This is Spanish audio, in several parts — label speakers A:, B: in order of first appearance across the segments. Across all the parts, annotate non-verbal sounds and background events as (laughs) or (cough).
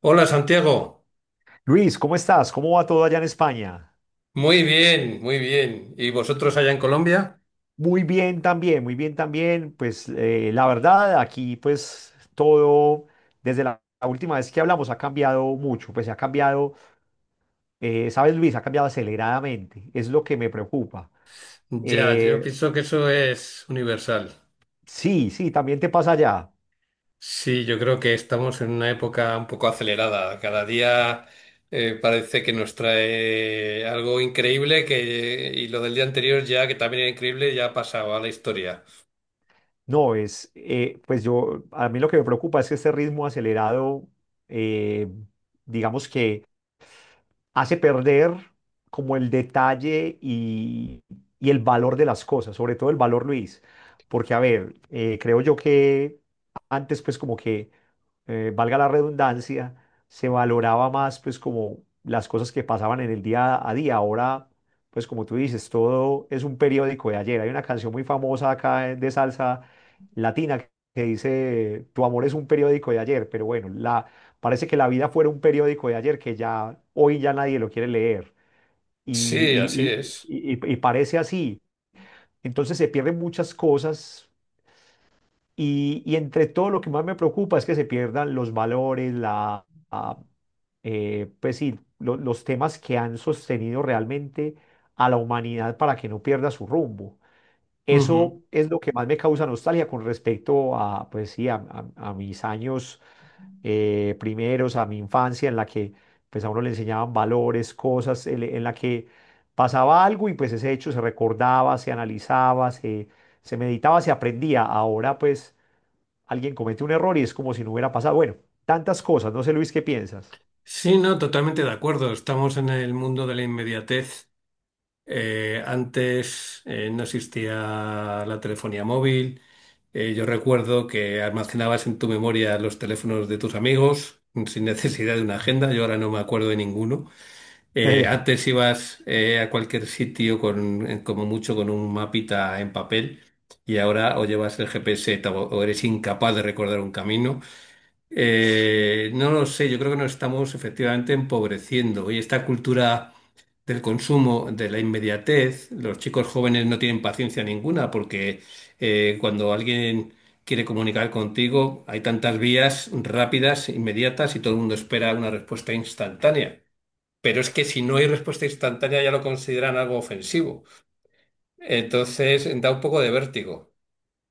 A: Hola Santiago,
B: Luis, ¿cómo estás? ¿Cómo va todo allá en España?
A: muy bien, muy bien. ¿Y vosotros allá en Colombia?
B: Muy bien también, muy bien también. Pues la verdad, aquí pues todo, desde la última vez que hablamos, ha cambiado mucho. Pues se ha cambiado, ¿sabes, Luis? Ha cambiado aceleradamente. Es lo que me preocupa.
A: Ya, yo
B: Eh,
A: pienso que eso es universal.
B: sí, sí, también te pasa allá.
A: Sí, yo creo que estamos en una época un poco acelerada. Cada día parece que nos trae algo increíble y lo del día anterior ya, que también era increíble, ya ha pasado a la historia.
B: No, pues yo, a mí lo que me preocupa es que este ritmo acelerado, eh, digamos que hace perder como el detalle y el valor de las cosas, sobre todo el valor, Luis, porque a ver, creo yo que antes pues como que, valga la redundancia, se valoraba más pues como las cosas que pasaban en el día a día, ahora pues como tú dices, todo es un periódico de ayer. Hay una canción muy famosa acá de salsa latina que dice, tu amor es un periódico de ayer, pero bueno, la parece que la vida fuera un periódico de ayer que ya hoy ya nadie lo quiere leer y,
A: Sí, así
B: y-
A: es.
B: y parece así. Entonces se pierden muchas cosas y entre todo lo que más me preocupa es que se pierdan los valores, la, pues sí, los temas que han sostenido realmente a la humanidad para que no pierda su rumbo.
A: Ujú.
B: Eso es lo que más me causa nostalgia con respecto a, pues sí, a mis años primeros, a mi infancia en la que pues a uno le enseñaban valores, cosas, en la que pasaba algo y pues ese hecho se recordaba, se analizaba, se meditaba, se aprendía. Ahora pues alguien comete un error y es como si no hubiera pasado. Bueno, tantas cosas, no sé, Luis, ¿qué piensas?
A: Sí, no, totalmente de acuerdo. Estamos en el mundo de la inmediatez. Antes no existía la telefonía móvil. Yo recuerdo que almacenabas en tu memoria los teléfonos de tus amigos sin necesidad de una
B: (laughs)
A: agenda. Yo ahora no me acuerdo de ninguno. Eh,
B: Eh,
A: antes ibas eh, a cualquier sitio con como mucho con un mapita en papel, y ahora o llevas el GPS o eres incapaz de recordar un camino. No lo sé, yo creo que nos estamos efectivamente empobreciendo, y esta cultura del consumo, de la inmediatez. Los chicos jóvenes no tienen paciencia ninguna porque cuando alguien quiere comunicar contigo hay tantas vías rápidas, inmediatas, y todo el mundo espera una respuesta instantánea. Pero es que si no hay respuesta instantánea ya lo consideran algo ofensivo. Entonces da un poco de vértigo.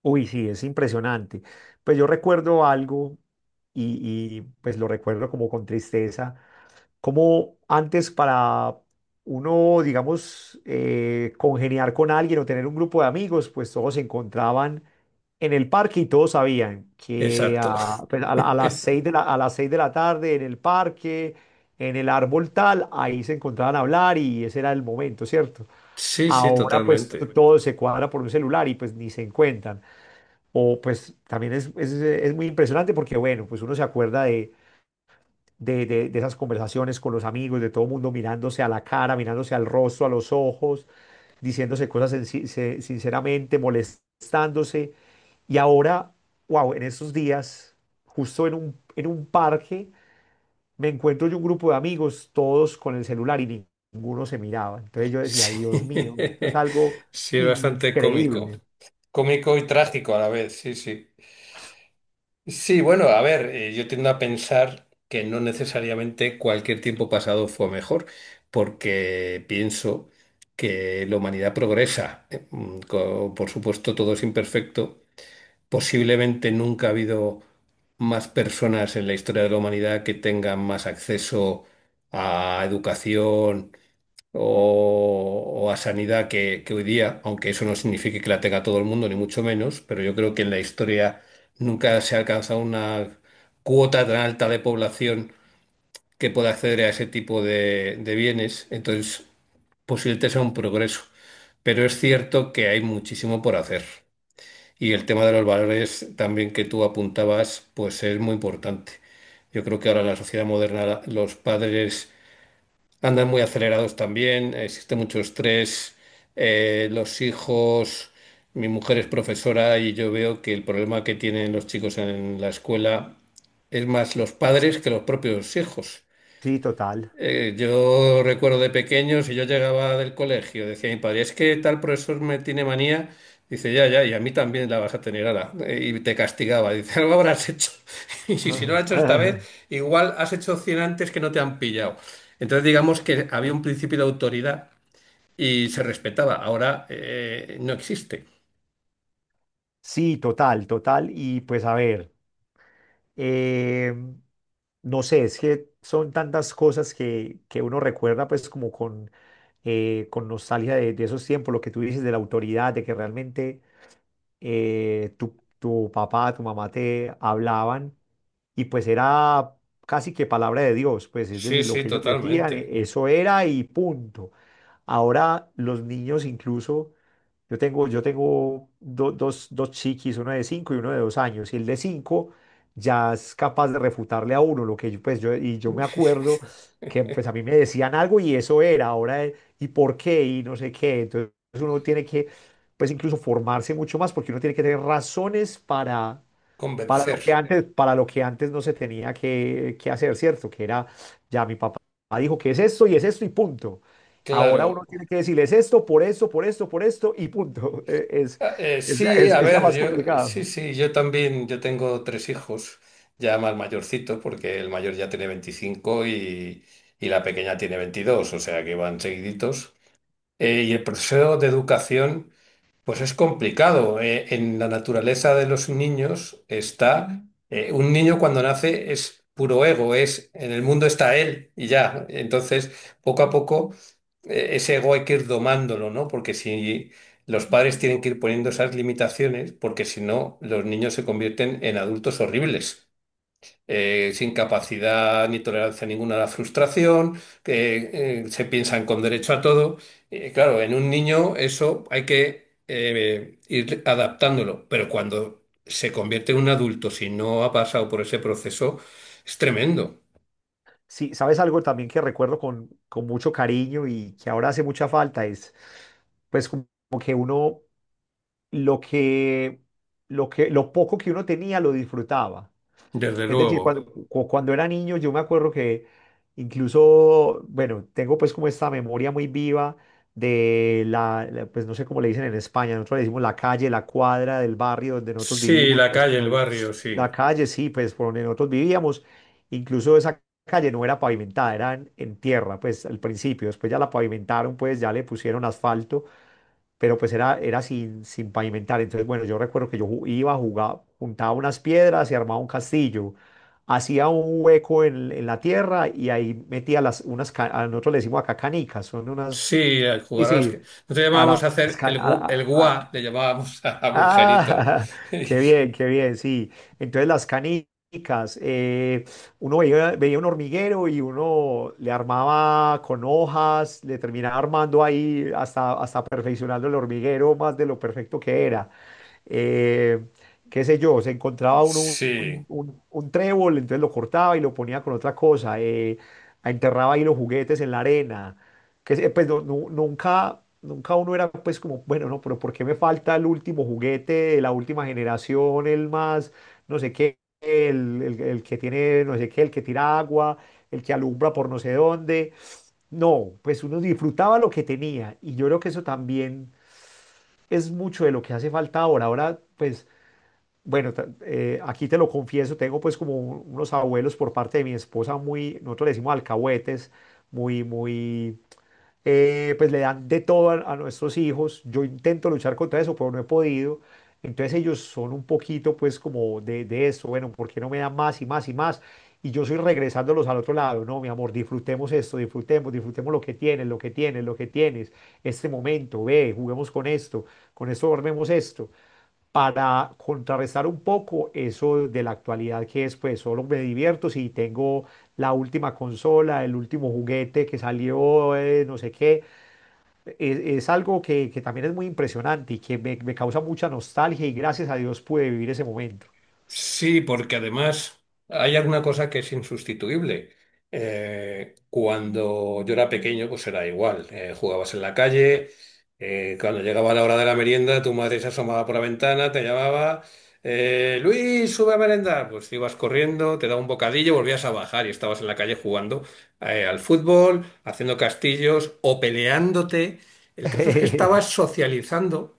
B: Uy, sí, es impresionante. Pues yo recuerdo algo pues lo recuerdo como con tristeza, como antes para uno, digamos, congeniar con alguien o tener un grupo de amigos. Pues todos se encontraban en el parque y todos sabían que
A: Exacto.
B: a, pues, a las seis de la, a las seis de la tarde en el parque, en el árbol tal, ahí se encontraban a hablar y ese era el momento, ¿cierto?
A: Sí, sí,
B: Ahora pues
A: totalmente.
B: todo se cuadra por un celular y pues ni se encuentran. O pues también es muy impresionante porque bueno, pues uno se acuerda de esas conversaciones con los amigos, de todo mundo mirándose a la cara, mirándose al rostro, a los ojos, diciéndose cosas sinceramente, molestándose. Y ahora, wow, en estos días, justo en un parque me encuentro yo un grupo de amigos, todos con el celular y ninguno se miraba. Entonces yo decía,
A: Sí,
B: Dios mío, esto es
A: (laughs)
B: algo
A: sí, es bastante cómico.
B: increíble.
A: Cómico y trágico a la vez, sí, sí. Sí, bueno, a ver, yo tiendo a pensar que no necesariamente cualquier tiempo pasado fue mejor, porque pienso que la humanidad progresa. Por supuesto, todo es imperfecto. Posiblemente nunca ha habido más personas en la historia de la humanidad que tengan más acceso a educación, o a sanidad que hoy día, aunque eso no signifique que la tenga todo el mundo, ni mucho menos, pero yo creo que en la historia nunca se ha alcanzado una cuota tan alta de población que pueda acceder a ese tipo de bienes. Entonces, posiblemente sea un progreso, pero es cierto que hay muchísimo por hacer. Y el tema de los valores también que tú apuntabas, pues es muy importante. Yo creo que ahora en la sociedad moderna los padres andan muy acelerados también, existe mucho estrés, los hijos, mi mujer es profesora y yo veo que el problema que tienen los chicos en la escuela es más los padres que los propios hijos.
B: Sí, total.
A: Yo recuerdo de pequeño, si yo llegaba del colegio, decía mi padre, es que tal profesor me tiene manía, dice, ya, ya, y a mí también la vas a tener, ala. Y te castigaba, dice, algo habrás hecho, (laughs) y si, si no lo has hecho esta
B: (laughs)
A: vez, igual has hecho 100 antes que no te han pillado. Entonces digamos que había un principio de autoridad y se respetaba, ahora no existe.
B: Sí, total, total. Y pues a ver, em, no sé, es que son tantas cosas que uno recuerda pues como con nostalgia de esos tiempos, lo que tú dices de la autoridad, de que realmente tu papá, tu mamá te hablaban y pues era casi que palabra de Dios, pues es
A: Sí,
B: decir, lo
A: sí,
B: que ellos decían,
A: totalmente.
B: eso era y punto. Ahora los niños incluso yo tengo dos chiquis, uno de cinco y uno de 2 años, y el de cinco ya es capaz de refutarle a uno lo que yo, pues yo, y yo me acuerdo
A: (laughs)
B: que pues a mí me decían algo y eso era. Ahora, ¿y por qué? Y no sé qué. Entonces uno tiene que, pues incluso formarse mucho más, porque uno tiene que tener razones para lo
A: Convencer.
B: que antes, para lo que antes no se tenía que hacer, ¿cierto? Que era, ya mi papá dijo que es esto y punto. Ahora uno
A: Claro.
B: tiene que decirle es esto, por esto, por esto, por esto y punto. (laughs) Eh, Es, es,
A: Sí,
B: es-
A: a
B: es ya
A: ver,
B: más
A: yo sí,
B: complicado.
A: sí, yo también, yo tengo tres hijos, ya más mayorcitos, porque el mayor ya tiene veinticinco, y la pequeña tiene 22, o sea que van seguiditos. Y el proceso de educación. Pues es complicado. En la naturaleza de los niños está, un niño cuando nace es puro ego, es, en el mundo está él y ya. Entonces, poco a poco, ese ego hay que ir domándolo, ¿no? Porque si los padres tienen que ir poniendo esas limitaciones, porque si no, los niños se convierten en adultos horribles, sin capacidad ni tolerancia ninguna a la frustración, que se piensan con derecho a todo. Claro, en un niño eso hay que ir adaptándolo, pero cuando se convierte en un adulto, si no ha pasado por ese proceso, es tremendo,
B: Sí, ¿sabes algo también que recuerdo con mucho cariño y que ahora hace mucha falta? Es pues como que uno, lo que, lo poco que uno tenía lo disfrutaba.
A: desde
B: Es decir, cuando,
A: luego.
B: cu- cuando era niño yo me acuerdo que incluso, bueno, tengo pues como esta memoria muy viva de pues no sé cómo le dicen en España, nosotros le decimos la calle, la cuadra del barrio donde nosotros
A: Sí,
B: vivimos,
A: la
B: pues
A: calle,
B: como
A: el barrio, sí.
B: la calle, sí, pues por donde nosotros vivíamos. Incluso esa calle no era pavimentada, era en tierra, pues al principio, después ya la pavimentaron, pues ya le pusieron asfalto, pero pues era sin pavimentar. Entonces, bueno, yo recuerdo que yo iba a jugar, juntaba unas piedras y armaba un castillo. Hacía un hueco en la tierra y ahí metía a nosotros le decimos acá canicas, son unas,
A: Sí, al
B: sí,
A: jugar a las...
B: sí,
A: que- nosotros
B: a
A: llamábamos
B: las,
A: a hacer el guá, le llamábamos (laughs) a agujerito.
B: ah, (laughs) qué bien, sí. Entonces las canicas, uno veía un hormiguero y uno le armaba con hojas, le terminaba armando ahí hasta perfeccionando el hormiguero más de lo perfecto que era, eh, qué sé yo, se
A: (laughs)
B: encontraba uno un,
A: Sí.
B: un- un trébol, entonces lo cortaba y lo ponía con otra cosa, enterraba ahí los juguetes en la arena, que pues nunca uno era pues como, bueno, no, pero ¿por qué me falta el último juguete de la última generación, el más, no sé qué, el que tiene, no sé qué, el que tira agua, el que alumbra por no sé dónde? No, pues uno disfrutaba lo que tenía y yo creo que eso también es mucho de lo que hace falta ahora. Ahora, pues bueno, aquí te lo confieso, tengo pues como unos abuelos por parte de mi esposa muy, nosotros le decimos alcahuetes, muy, muy, pues le dan de todo a nuestros hijos. Yo intento luchar contra eso, pero no he podido. Entonces ellos son un poquito pues como de eso, bueno, ¿por qué no me dan más y más y más? Y yo soy regresándolos al otro lado, no, mi amor, disfrutemos esto, disfrutemos, disfrutemos lo que tienes, lo que tienes, lo que tienes, este momento, ve, juguemos con esto dormemos esto, para contrarrestar un poco eso de la actualidad que es, pues, solo me divierto si tengo la última consola, el último juguete que salió, no sé qué. Es algo que también es muy impresionante y que me causa mucha nostalgia, y gracias a Dios pude vivir ese momento.
A: Sí, porque además hay alguna cosa que es insustituible. Cuando yo era pequeño, pues era igual. Jugabas en la calle, cuando llegaba la hora de la merienda, tu madre se asomaba por la ventana, te llamaba, Luis, sube a merendar. Pues ibas corriendo, te daba un bocadillo, volvías a bajar y estabas en la calle jugando al fútbol, haciendo castillos o peleándote. El caso es que estabas
B: (laughs)
A: socializando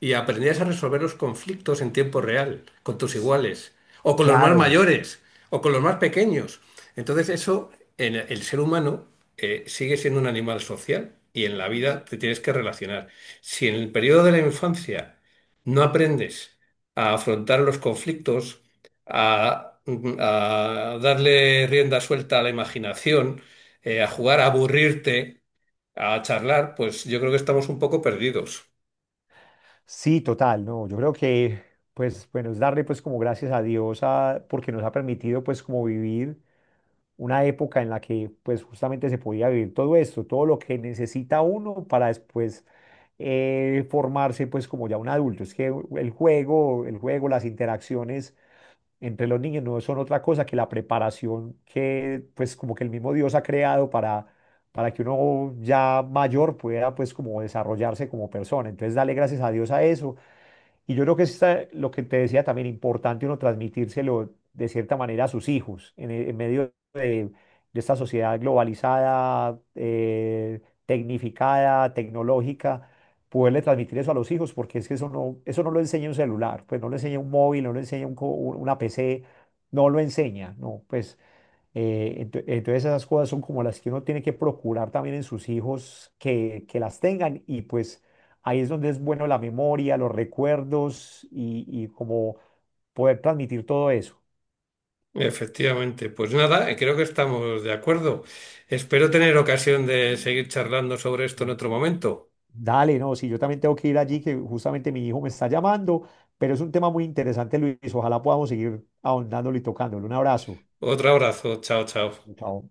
A: y aprendías a resolver los conflictos en tiempo real, con tus iguales, o con los más
B: Claro,
A: mayores, o con los más pequeños. Entonces eso, en el ser humano, sigue siendo un animal social y en la vida te tienes que relacionar. Si en el periodo de la infancia no aprendes a afrontar los conflictos, a, a darle rienda suelta a la imaginación, a jugar, a aburrirte, a charlar, pues yo creo que estamos un poco perdidos.
B: sí, total, no, yo creo que, pues, bueno, es darle, pues, como gracias a Dios, a, porque nos ha permitido, pues, como vivir una época en la que pues justamente se podía vivir todo esto, todo lo que necesita uno para después formarse pues como ya un adulto. Es que el juego, las interacciones entre los niños no son otra cosa que la preparación que pues como que el mismo Dios ha creado para, que uno ya mayor pueda pues como desarrollarse como persona. Entonces dale gracias a Dios a eso, y yo creo que esta, lo que te decía también, importante uno transmitírselo de cierta manera a sus hijos en medio de esta sociedad globalizada, tecnificada, tecnológica, poderle transmitir eso a los hijos, porque es que eso no lo enseña un celular, pues no lo enseña un móvil, no lo enseña un una PC, no lo enseña, no, pues entonces esas cosas son como las que uno tiene que procurar también en sus hijos, que las tengan, y pues ahí es donde es bueno la memoria, los recuerdos y como poder transmitir todo eso.
A: Efectivamente, pues nada, creo que estamos de acuerdo. Espero tener ocasión de seguir charlando sobre esto en otro momento.
B: Dale, no, si yo también tengo que ir allí, que justamente mi hijo me está llamando, pero es un tema muy interesante, Luis. Ojalá podamos seguir ahondándolo y tocándolo. Un abrazo.
A: Otro abrazo, chao, chao.
B: Chao.